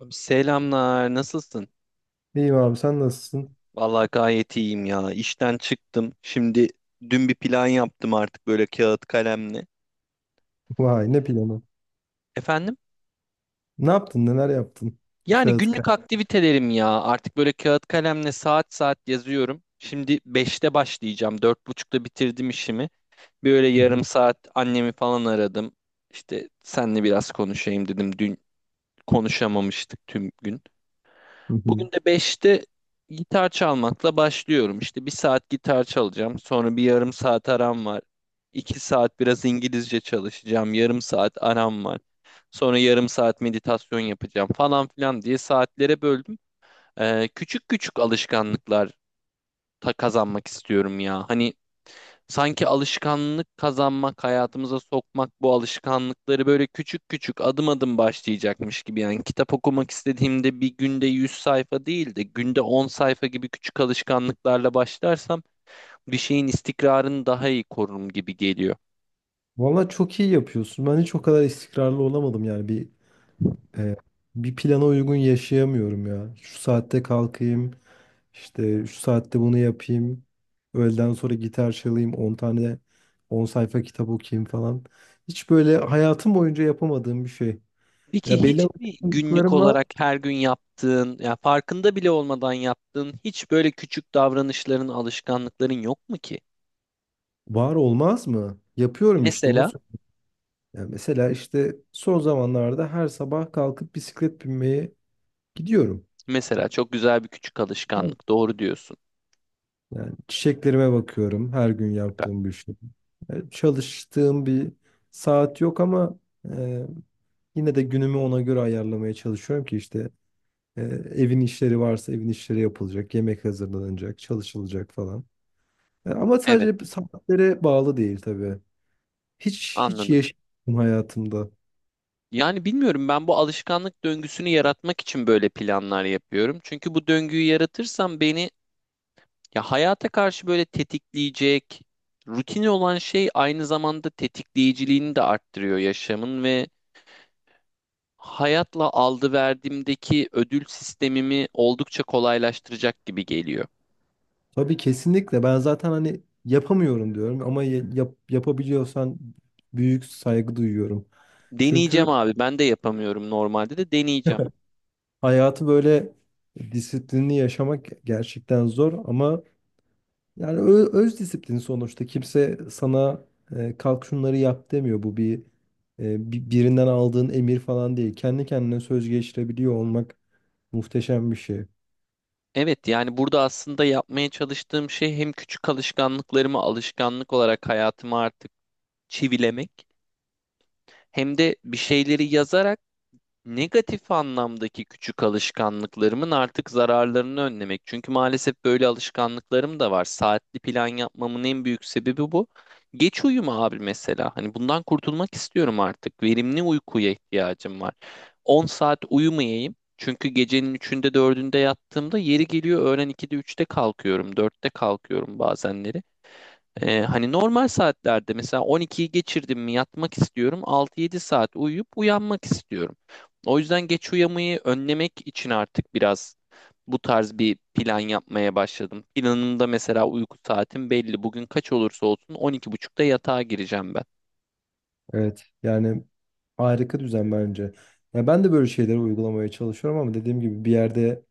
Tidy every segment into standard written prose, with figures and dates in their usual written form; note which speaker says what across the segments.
Speaker 1: Abi, selamlar, nasılsın?
Speaker 2: İyiyim abi sen nasılsın?
Speaker 1: Vallahi gayet iyiyim ya. İşten çıktım. Şimdi dün bir plan yaptım artık böyle kağıt kalemle.
Speaker 2: Vay ne planı.
Speaker 1: Efendim?
Speaker 2: Ne yaptın neler yaptın?
Speaker 1: Yani
Speaker 2: Kağıt
Speaker 1: günlük
Speaker 2: kağıt.
Speaker 1: aktivitelerim ya. Artık böyle kağıt kalemle saat saat yazıyorum. Şimdi beşte başlayacağım. Dört buçukta bitirdim işimi. Böyle
Speaker 2: Hı hı,
Speaker 1: yarım saat annemi falan aradım. İşte senle biraz konuşayım dedim. Dün konuşamamıştık tüm gün.
Speaker 2: hı hı.
Speaker 1: Bugün de beşte gitar çalmakla başlıyorum. İşte bir saat gitar çalacağım. Sonra bir yarım saat aram var. 2 saat biraz İngilizce çalışacağım. Yarım saat aram var. Sonra yarım saat meditasyon yapacağım falan filan diye saatlere böldüm. Küçük küçük alışkanlıklar ta kazanmak istiyorum ya. Hani, sanki alışkanlık kazanmak, hayatımıza sokmak bu alışkanlıkları böyle küçük küçük adım adım başlayacakmış gibi. Yani kitap okumak istediğimde bir günde 100 sayfa değil de günde 10 sayfa gibi küçük alışkanlıklarla başlarsam bir şeyin istikrarını daha iyi korurum gibi geliyor.
Speaker 2: Vallahi çok iyi yapıyorsun. Ben hiç o kadar istikrarlı olamadım, yani e, bir plana uygun yaşayamıyorum ya. Şu saatte kalkayım, işte şu saatte bunu yapayım. Öğleden sonra gitar çalayım, 10 sayfa kitap okuyayım falan. Hiç böyle hayatım boyunca yapamadığım bir şey.
Speaker 1: Peki
Speaker 2: Ya belli
Speaker 1: hiç mi günlük
Speaker 2: alışkanlıklarım var.
Speaker 1: olarak her gün yaptığın, ya farkında bile olmadan yaptığın hiç böyle küçük davranışların, alışkanlıkların yok mu ki?
Speaker 2: Var olmaz mı? Yapıyorum işte onu.
Speaker 1: Mesela,
Speaker 2: Ya mesela işte son zamanlarda her sabah kalkıp bisiklet binmeye gidiyorum.
Speaker 1: mesela çok güzel bir küçük alışkanlık. Doğru diyorsun.
Speaker 2: Yani çiçeklerime bakıyorum, her gün
Speaker 1: Süper.
Speaker 2: yaptığım bir şey. Yani çalıştığım bir saat yok, ama e, yine de günümü ona göre ayarlamaya çalışıyorum ki işte e, evin işleri varsa evin işleri yapılacak, yemek hazırlanacak, çalışılacak falan. Ama
Speaker 1: Evet.
Speaker 2: sadece saatlere bağlı değil tabii. Hiç hiç
Speaker 1: Anladım.
Speaker 2: yaşadım hayatımda.
Speaker 1: Yani bilmiyorum, ben bu alışkanlık döngüsünü yaratmak için böyle planlar yapıyorum. Çünkü bu döngüyü yaratırsam beni ya hayata karşı böyle tetikleyecek, rutin olan şey aynı zamanda tetikleyiciliğini de arttırıyor yaşamın ve hayatla aldı verdiğimdeki ödül sistemimi oldukça kolaylaştıracak gibi geliyor.
Speaker 2: Tabii, kesinlikle. Ben zaten hani yapamıyorum diyorum ama yap, yapabiliyorsan büyük saygı duyuyorum.
Speaker 1: Deneyeceğim
Speaker 2: Çünkü
Speaker 1: abi, ben de yapamıyorum normalde, de deneyeceğim.
Speaker 2: hayatı böyle disiplinli yaşamak gerçekten zor, ama yani öz disiplin sonuçta. Kimse sana kalk şunları yap demiyor. Bu bir birinden aldığın emir falan değil. Kendi kendine söz geçirebiliyor olmak muhteşem bir şey.
Speaker 1: Evet, yani burada aslında yapmaya çalıştığım şey hem küçük alışkanlıklarımı alışkanlık olarak hayatıma artık çivilemek hem de bir şeyleri yazarak negatif anlamdaki küçük alışkanlıklarımın artık zararlarını önlemek. Çünkü maalesef böyle alışkanlıklarım da var. Saatli plan yapmamın en büyük sebebi bu. Geç uyuma abi mesela. Hani bundan kurtulmak istiyorum artık. Verimli uykuya ihtiyacım var. 10 saat uyumayayım. Çünkü gecenin üçünde dördünde yattığımda yeri geliyor öğlen 2'de üçte kalkıyorum. Dörtte kalkıyorum bazenleri. Hani normal saatlerde mesela 12'yi geçirdim mi yatmak istiyorum. 6-7 saat uyuyup uyanmak istiyorum. O yüzden geç uyamayı önlemek için artık biraz bu tarz bir plan yapmaya başladım. Planımda mesela uyku saatim belli. Bugün kaç olursa olsun 12.30'da yatağa gireceğim ben.
Speaker 2: Evet. Yani harika düzen bence. Ya ben de böyle şeyleri uygulamaya çalışıyorum ama dediğim gibi bir yerde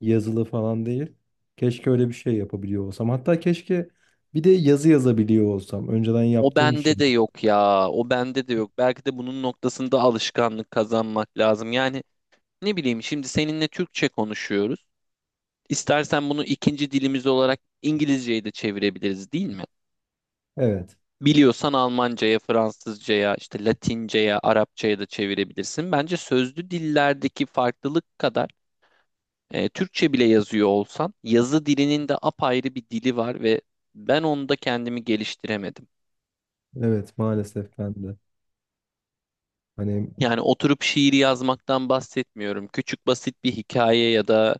Speaker 2: yazılı falan değil. Keşke öyle bir şey yapabiliyor olsam. Hatta keşke bir de yazı yazabiliyor olsam. Önceden
Speaker 1: O
Speaker 2: yaptığım bir şey.
Speaker 1: bende de yok ya. O bende de yok. Belki de bunun noktasında alışkanlık kazanmak lazım. Yani ne bileyim, şimdi seninle Türkçe konuşuyoruz. İstersen bunu ikinci dilimiz olarak İngilizce'ye de çevirebiliriz, değil mi?
Speaker 2: Evet.
Speaker 1: Biliyorsan Almanca'ya, Fransızca'ya, işte Latince'ye, Arapça'ya da çevirebilirsin. Bence sözlü dillerdeki farklılık kadar Türkçe bile yazıyor olsan yazı dilinin de apayrı bir dili var ve ben onda kendimi geliştiremedim.
Speaker 2: Evet, maalesef ben de. Hani
Speaker 1: Yani oturup şiir yazmaktan bahsetmiyorum. Küçük basit bir hikaye ya da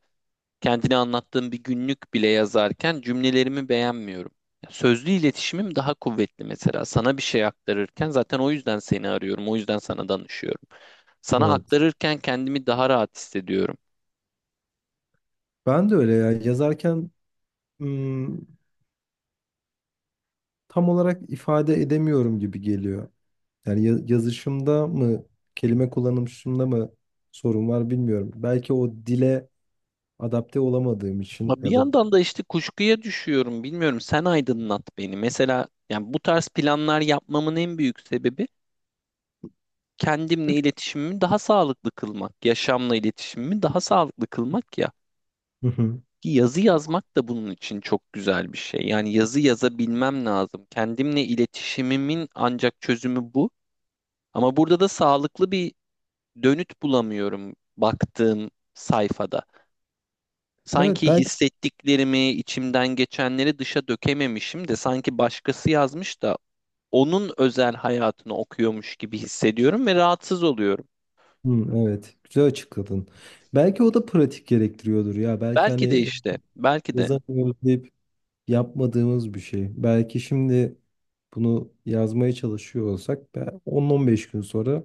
Speaker 1: kendini anlattığım bir günlük bile yazarken cümlelerimi beğenmiyorum. Sözlü iletişimim daha kuvvetli mesela. Sana bir şey aktarırken zaten o yüzden seni arıyorum, o yüzden sana danışıyorum. Sana
Speaker 2: evet.
Speaker 1: aktarırken kendimi daha rahat hissediyorum.
Speaker 2: Ben de öyle ya, yazarken ım, tam olarak ifade edemiyorum gibi geliyor. Yani yazışımda mı, kelime kullanışımda mı sorun var bilmiyorum. Belki o dile adapte olamadığım için,
Speaker 1: Ama bir
Speaker 2: ya da...
Speaker 1: yandan da işte kuşkuya düşüyorum. Bilmiyorum, sen aydınlat beni. Mesela yani bu tarz planlar yapmamın en büyük sebebi kendimle iletişimimi daha sağlıklı kılmak, yaşamla iletişimimi daha sağlıklı kılmak.
Speaker 2: Hı hı.
Speaker 1: Ki yazı yazmak da bunun için çok güzel bir şey. Yani yazı yazabilmem lazım. Kendimle iletişimimin ancak çözümü bu. Ama burada da sağlıklı bir dönüt bulamıyorum baktığım sayfada.
Speaker 2: Evet,
Speaker 1: Sanki
Speaker 2: belki.
Speaker 1: hissettiklerimi, içimden geçenleri dışa dökememişim de sanki başkası yazmış da onun özel hayatını okuyormuş gibi hissediyorum ve rahatsız oluyorum.
Speaker 2: Hı, evet, güzel açıkladın. Belki o da pratik gerektiriyordur ya. Belki
Speaker 1: Belki de
Speaker 2: hani
Speaker 1: işte, belki de.
Speaker 2: yazamıyoruz deyip yapmadığımız bir şey. Belki şimdi bunu yazmaya çalışıyor olsak, 10-15 gün sonra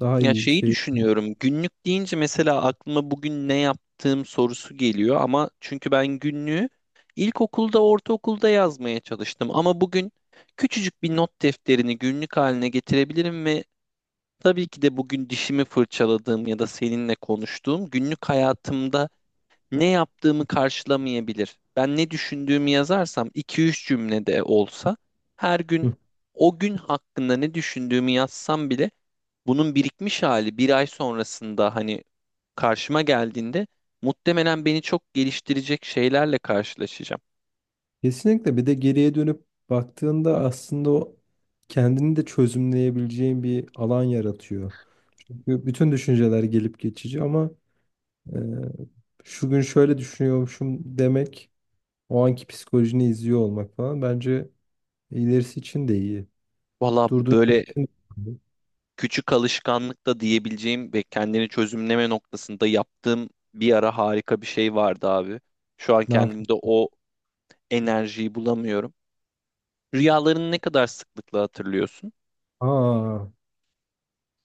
Speaker 2: daha
Speaker 1: Ya
Speaker 2: iyi bir
Speaker 1: şeyi
Speaker 2: şey.
Speaker 1: düşünüyorum. Günlük deyince mesela aklıma bugün ne yaptığım sorusu geliyor ama çünkü ben günlüğü ilkokulda, ortaokulda yazmaya çalıştım ama bugün küçücük bir not defterini günlük haline getirebilirim ve tabii ki de bugün dişimi fırçaladığım ya da seninle konuştuğum günlük hayatımda ne yaptığımı karşılamayabilir. Ben ne düşündüğümü yazarsam 2-3 cümlede olsa her gün o gün hakkında ne düşündüğümü yazsam bile bunun birikmiş hali bir ay sonrasında hani karşıma geldiğinde muhtemelen beni çok geliştirecek şeylerle karşılaşacağım.
Speaker 2: Kesinlikle, bir de geriye dönüp baktığında aslında o kendini de çözümleyebileceğin bir alan yaratıyor. Çünkü bütün düşünceler gelip geçici, ama e, şu gün şöyle düşünüyormuşum demek, o anki psikolojini izliyor olmak falan, bence ilerisi için de iyi.
Speaker 1: Valla
Speaker 2: Durduğun yer
Speaker 1: böyle
Speaker 2: için de iyi.
Speaker 1: küçük alışkanlık da diyebileceğim ve kendini çözümleme noktasında yaptığım bir ara harika bir şey vardı abi. Şu an
Speaker 2: Ne yapayım?
Speaker 1: kendimde o enerjiyi bulamıyorum. Rüyalarını ne kadar sıklıkla hatırlıyorsun?
Speaker 2: Aa,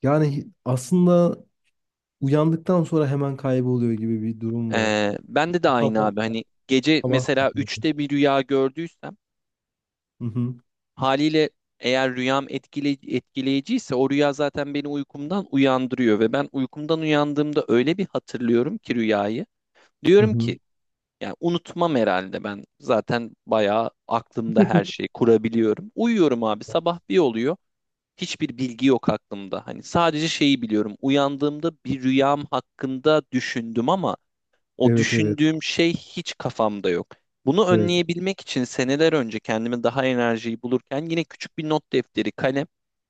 Speaker 2: yani aslında uyandıktan sonra hemen kayboluyor gibi bir durum var.
Speaker 1: Bende de aynı
Speaker 2: Sabah
Speaker 1: abi. Hani gece
Speaker 2: sabah.
Speaker 1: mesela üçte bir rüya gördüysem
Speaker 2: Hı hı,
Speaker 1: haliyle eğer rüyam etkileyiciyse o rüya zaten beni uykumdan uyandırıyor ve ben uykumdan uyandığımda öyle bir hatırlıyorum ki rüyayı.
Speaker 2: hı
Speaker 1: Diyorum
Speaker 2: hı.
Speaker 1: ki yani unutmam herhalde, ben zaten bayağı aklımda her şeyi kurabiliyorum. Uyuyorum abi, sabah bir oluyor, hiçbir bilgi yok aklımda. Hani sadece şeyi biliyorum, uyandığımda bir rüyam hakkında düşündüm ama o
Speaker 2: Evet evet.
Speaker 1: düşündüğüm şey hiç kafamda yok. Bunu
Speaker 2: Evet.
Speaker 1: önleyebilmek için seneler önce kendime daha enerjiyi bulurken yine küçük bir not defteri, kalem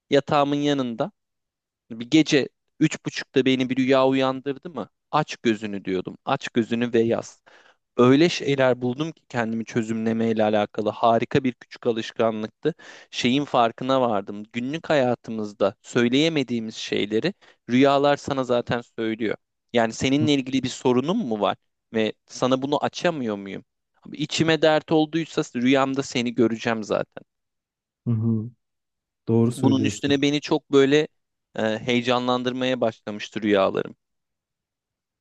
Speaker 1: yatağımın yanında. Bir gece üç buçukta beni bir rüya uyandırdı mı? Aç gözünü diyordum. Aç gözünü ve yaz. Öyle şeyler buldum ki kendimi çözümlemeyle alakalı harika bir küçük alışkanlıktı. Şeyin farkına vardım. Günlük hayatımızda söyleyemediğimiz şeyleri rüyalar sana zaten söylüyor. Yani seninle ilgili bir sorunun mu var ve sana bunu açamıyor muyum? Abi İçime dert olduysa rüyamda seni göreceğim zaten.
Speaker 2: Hı hı. Doğru
Speaker 1: Bunun
Speaker 2: söylüyorsun.
Speaker 1: üstüne beni çok böyle heyecanlandırmaya başlamıştı rüyalarım.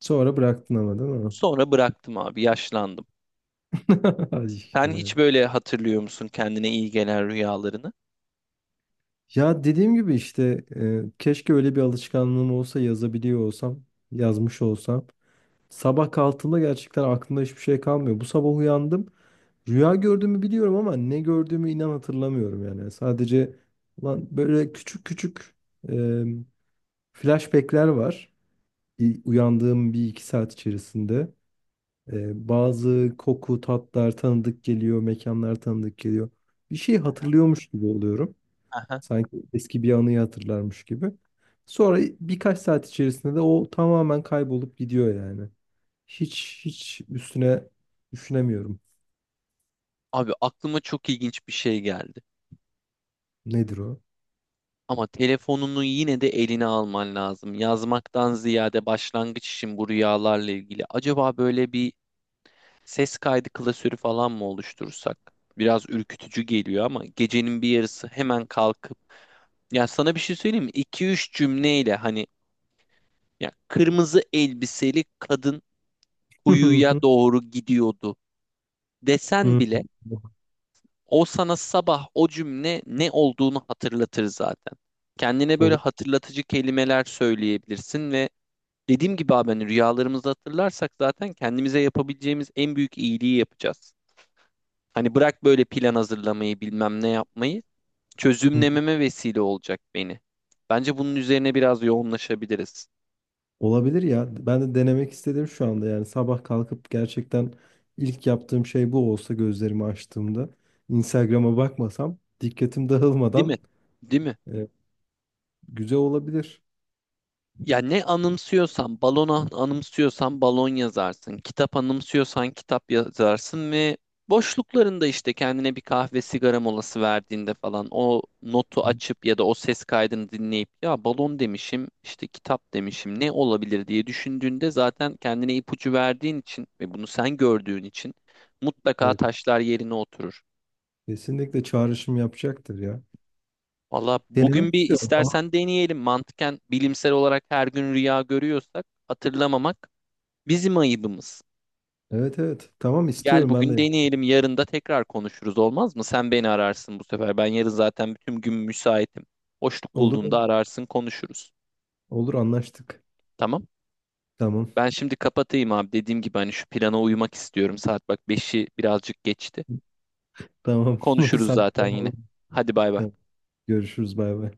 Speaker 2: Sonra bıraktın ama değil mi?
Speaker 1: Sonra bıraktım abi, yaşlandım.
Speaker 2: Ay
Speaker 1: Sen hiç
Speaker 2: be.
Speaker 1: böyle hatırlıyor musun kendine iyi gelen rüyalarını?
Speaker 2: Ya dediğim gibi işte, keşke öyle bir alışkanlığım olsa, yazabiliyor olsam, yazmış olsam. Sabah kalktığımda gerçekten aklımda hiçbir şey kalmıyor. Bu sabah uyandım. Rüya gördüğümü biliyorum ama ne gördüğümü inan hatırlamıyorum yani. Sadece lan böyle küçük küçük e, flashbackler var. Uyandığım bir iki saat içerisinde. Bazı koku, tatlar tanıdık geliyor, mekanlar tanıdık geliyor. Bir şey hatırlıyormuş gibi oluyorum.
Speaker 1: Aha.
Speaker 2: Sanki eski bir anıyı hatırlarmış gibi. Sonra birkaç saat içerisinde de o tamamen kaybolup gidiyor yani. Hiç hiç üstüne düşünemiyorum.
Speaker 1: Abi aklıma çok ilginç bir şey geldi.
Speaker 2: Nedir o?
Speaker 1: Ama telefonunu yine de eline alman lazım. Yazmaktan ziyade başlangıç için bu rüyalarla ilgili. Acaba böyle bir ses kaydı klasörü falan mı oluştursak? Biraz ürkütücü geliyor ama gecenin bir yarısı hemen kalkıp ya sana bir şey söyleyeyim mi? 2-3 cümleyle hani, ya kırmızı elbiseli kadın kuyuya doğru gidiyordu desen bile o sana sabah o cümle ne olduğunu hatırlatır zaten. Kendine böyle
Speaker 2: Ol-
Speaker 1: hatırlatıcı kelimeler söyleyebilirsin ve dediğim gibi abi, hani rüyalarımızı hatırlarsak zaten kendimize yapabileceğimiz en büyük iyiliği yapacağız. Hani bırak böyle plan hazırlamayı, bilmem ne yapmayı, çözümlememe vesile olacak beni. Bence bunun üzerine biraz yoğunlaşabiliriz.
Speaker 2: Olabilir ya. Ben de denemek istedim şu anda, yani sabah kalkıp gerçekten ilk yaptığım şey bu olsa, gözlerimi açtığımda Instagram'a bakmasam, dikkatim
Speaker 1: Değil mi?
Speaker 2: dağılmadan...
Speaker 1: Değil mi?
Speaker 2: Evet, güzel olabilir.
Speaker 1: Ya ne anımsıyorsan, balona anımsıyorsan balon yazarsın. Kitap anımsıyorsan kitap yazarsın ve boşluklarında işte kendine bir kahve sigara molası verdiğinde falan o notu açıp ya da o ses kaydını dinleyip ya balon demişim, işte kitap demişim, ne olabilir diye düşündüğünde zaten kendine ipucu verdiğin için ve bunu sen gördüğün için mutlaka
Speaker 2: Evet,
Speaker 1: taşlar yerine oturur.
Speaker 2: kesinlikle çağrışım yapacaktır ya.
Speaker 1: Valla bugün
Speaker 2: Denemek
Speaker 1: bir
Speaker 2: istiyorum. Tamam.
Speaker 1: istersen deneyelim. Mantıken bilimsel olarak her gün rüya görüyorsak hatırlamamak bizim ayıbımız.
Speaker 2: Evet evet. Tamam,
Speaker 1: Gel
Speaker 2: istiyorum ben
Speaker 1: bugün
Speaker 2: de.
Speaker 1: deneyelim, yarın da tekrar konuşuruz, olmaz mı? Sen beni ararsın bu sefer. Ben yarın zaten bütün gün müsaitim. Boşluk bulduğunda
Speaker 2: Olur.
Speaker 1: ararsın, konuşuruz.
Speaker 2: Olur, anlaştık.
Speaker 1: Tamam?
Speaker 2: Tamam.
Speaker 1: Ben şimdi kapatayım abi. Dediğim gibi hani şu plana uymak istiyorum. Saat bak, beşi birazcık geçti.
Speaker 2: Tamam.
Speaker 1: Konuşuruz
Speaker 2: Sen-
Speaker 1: zaten yine.
Speaker 2: Tamam.
Speaker 1: Hadi bay bay.
Speaker 2: Görüşürüz, bay bay.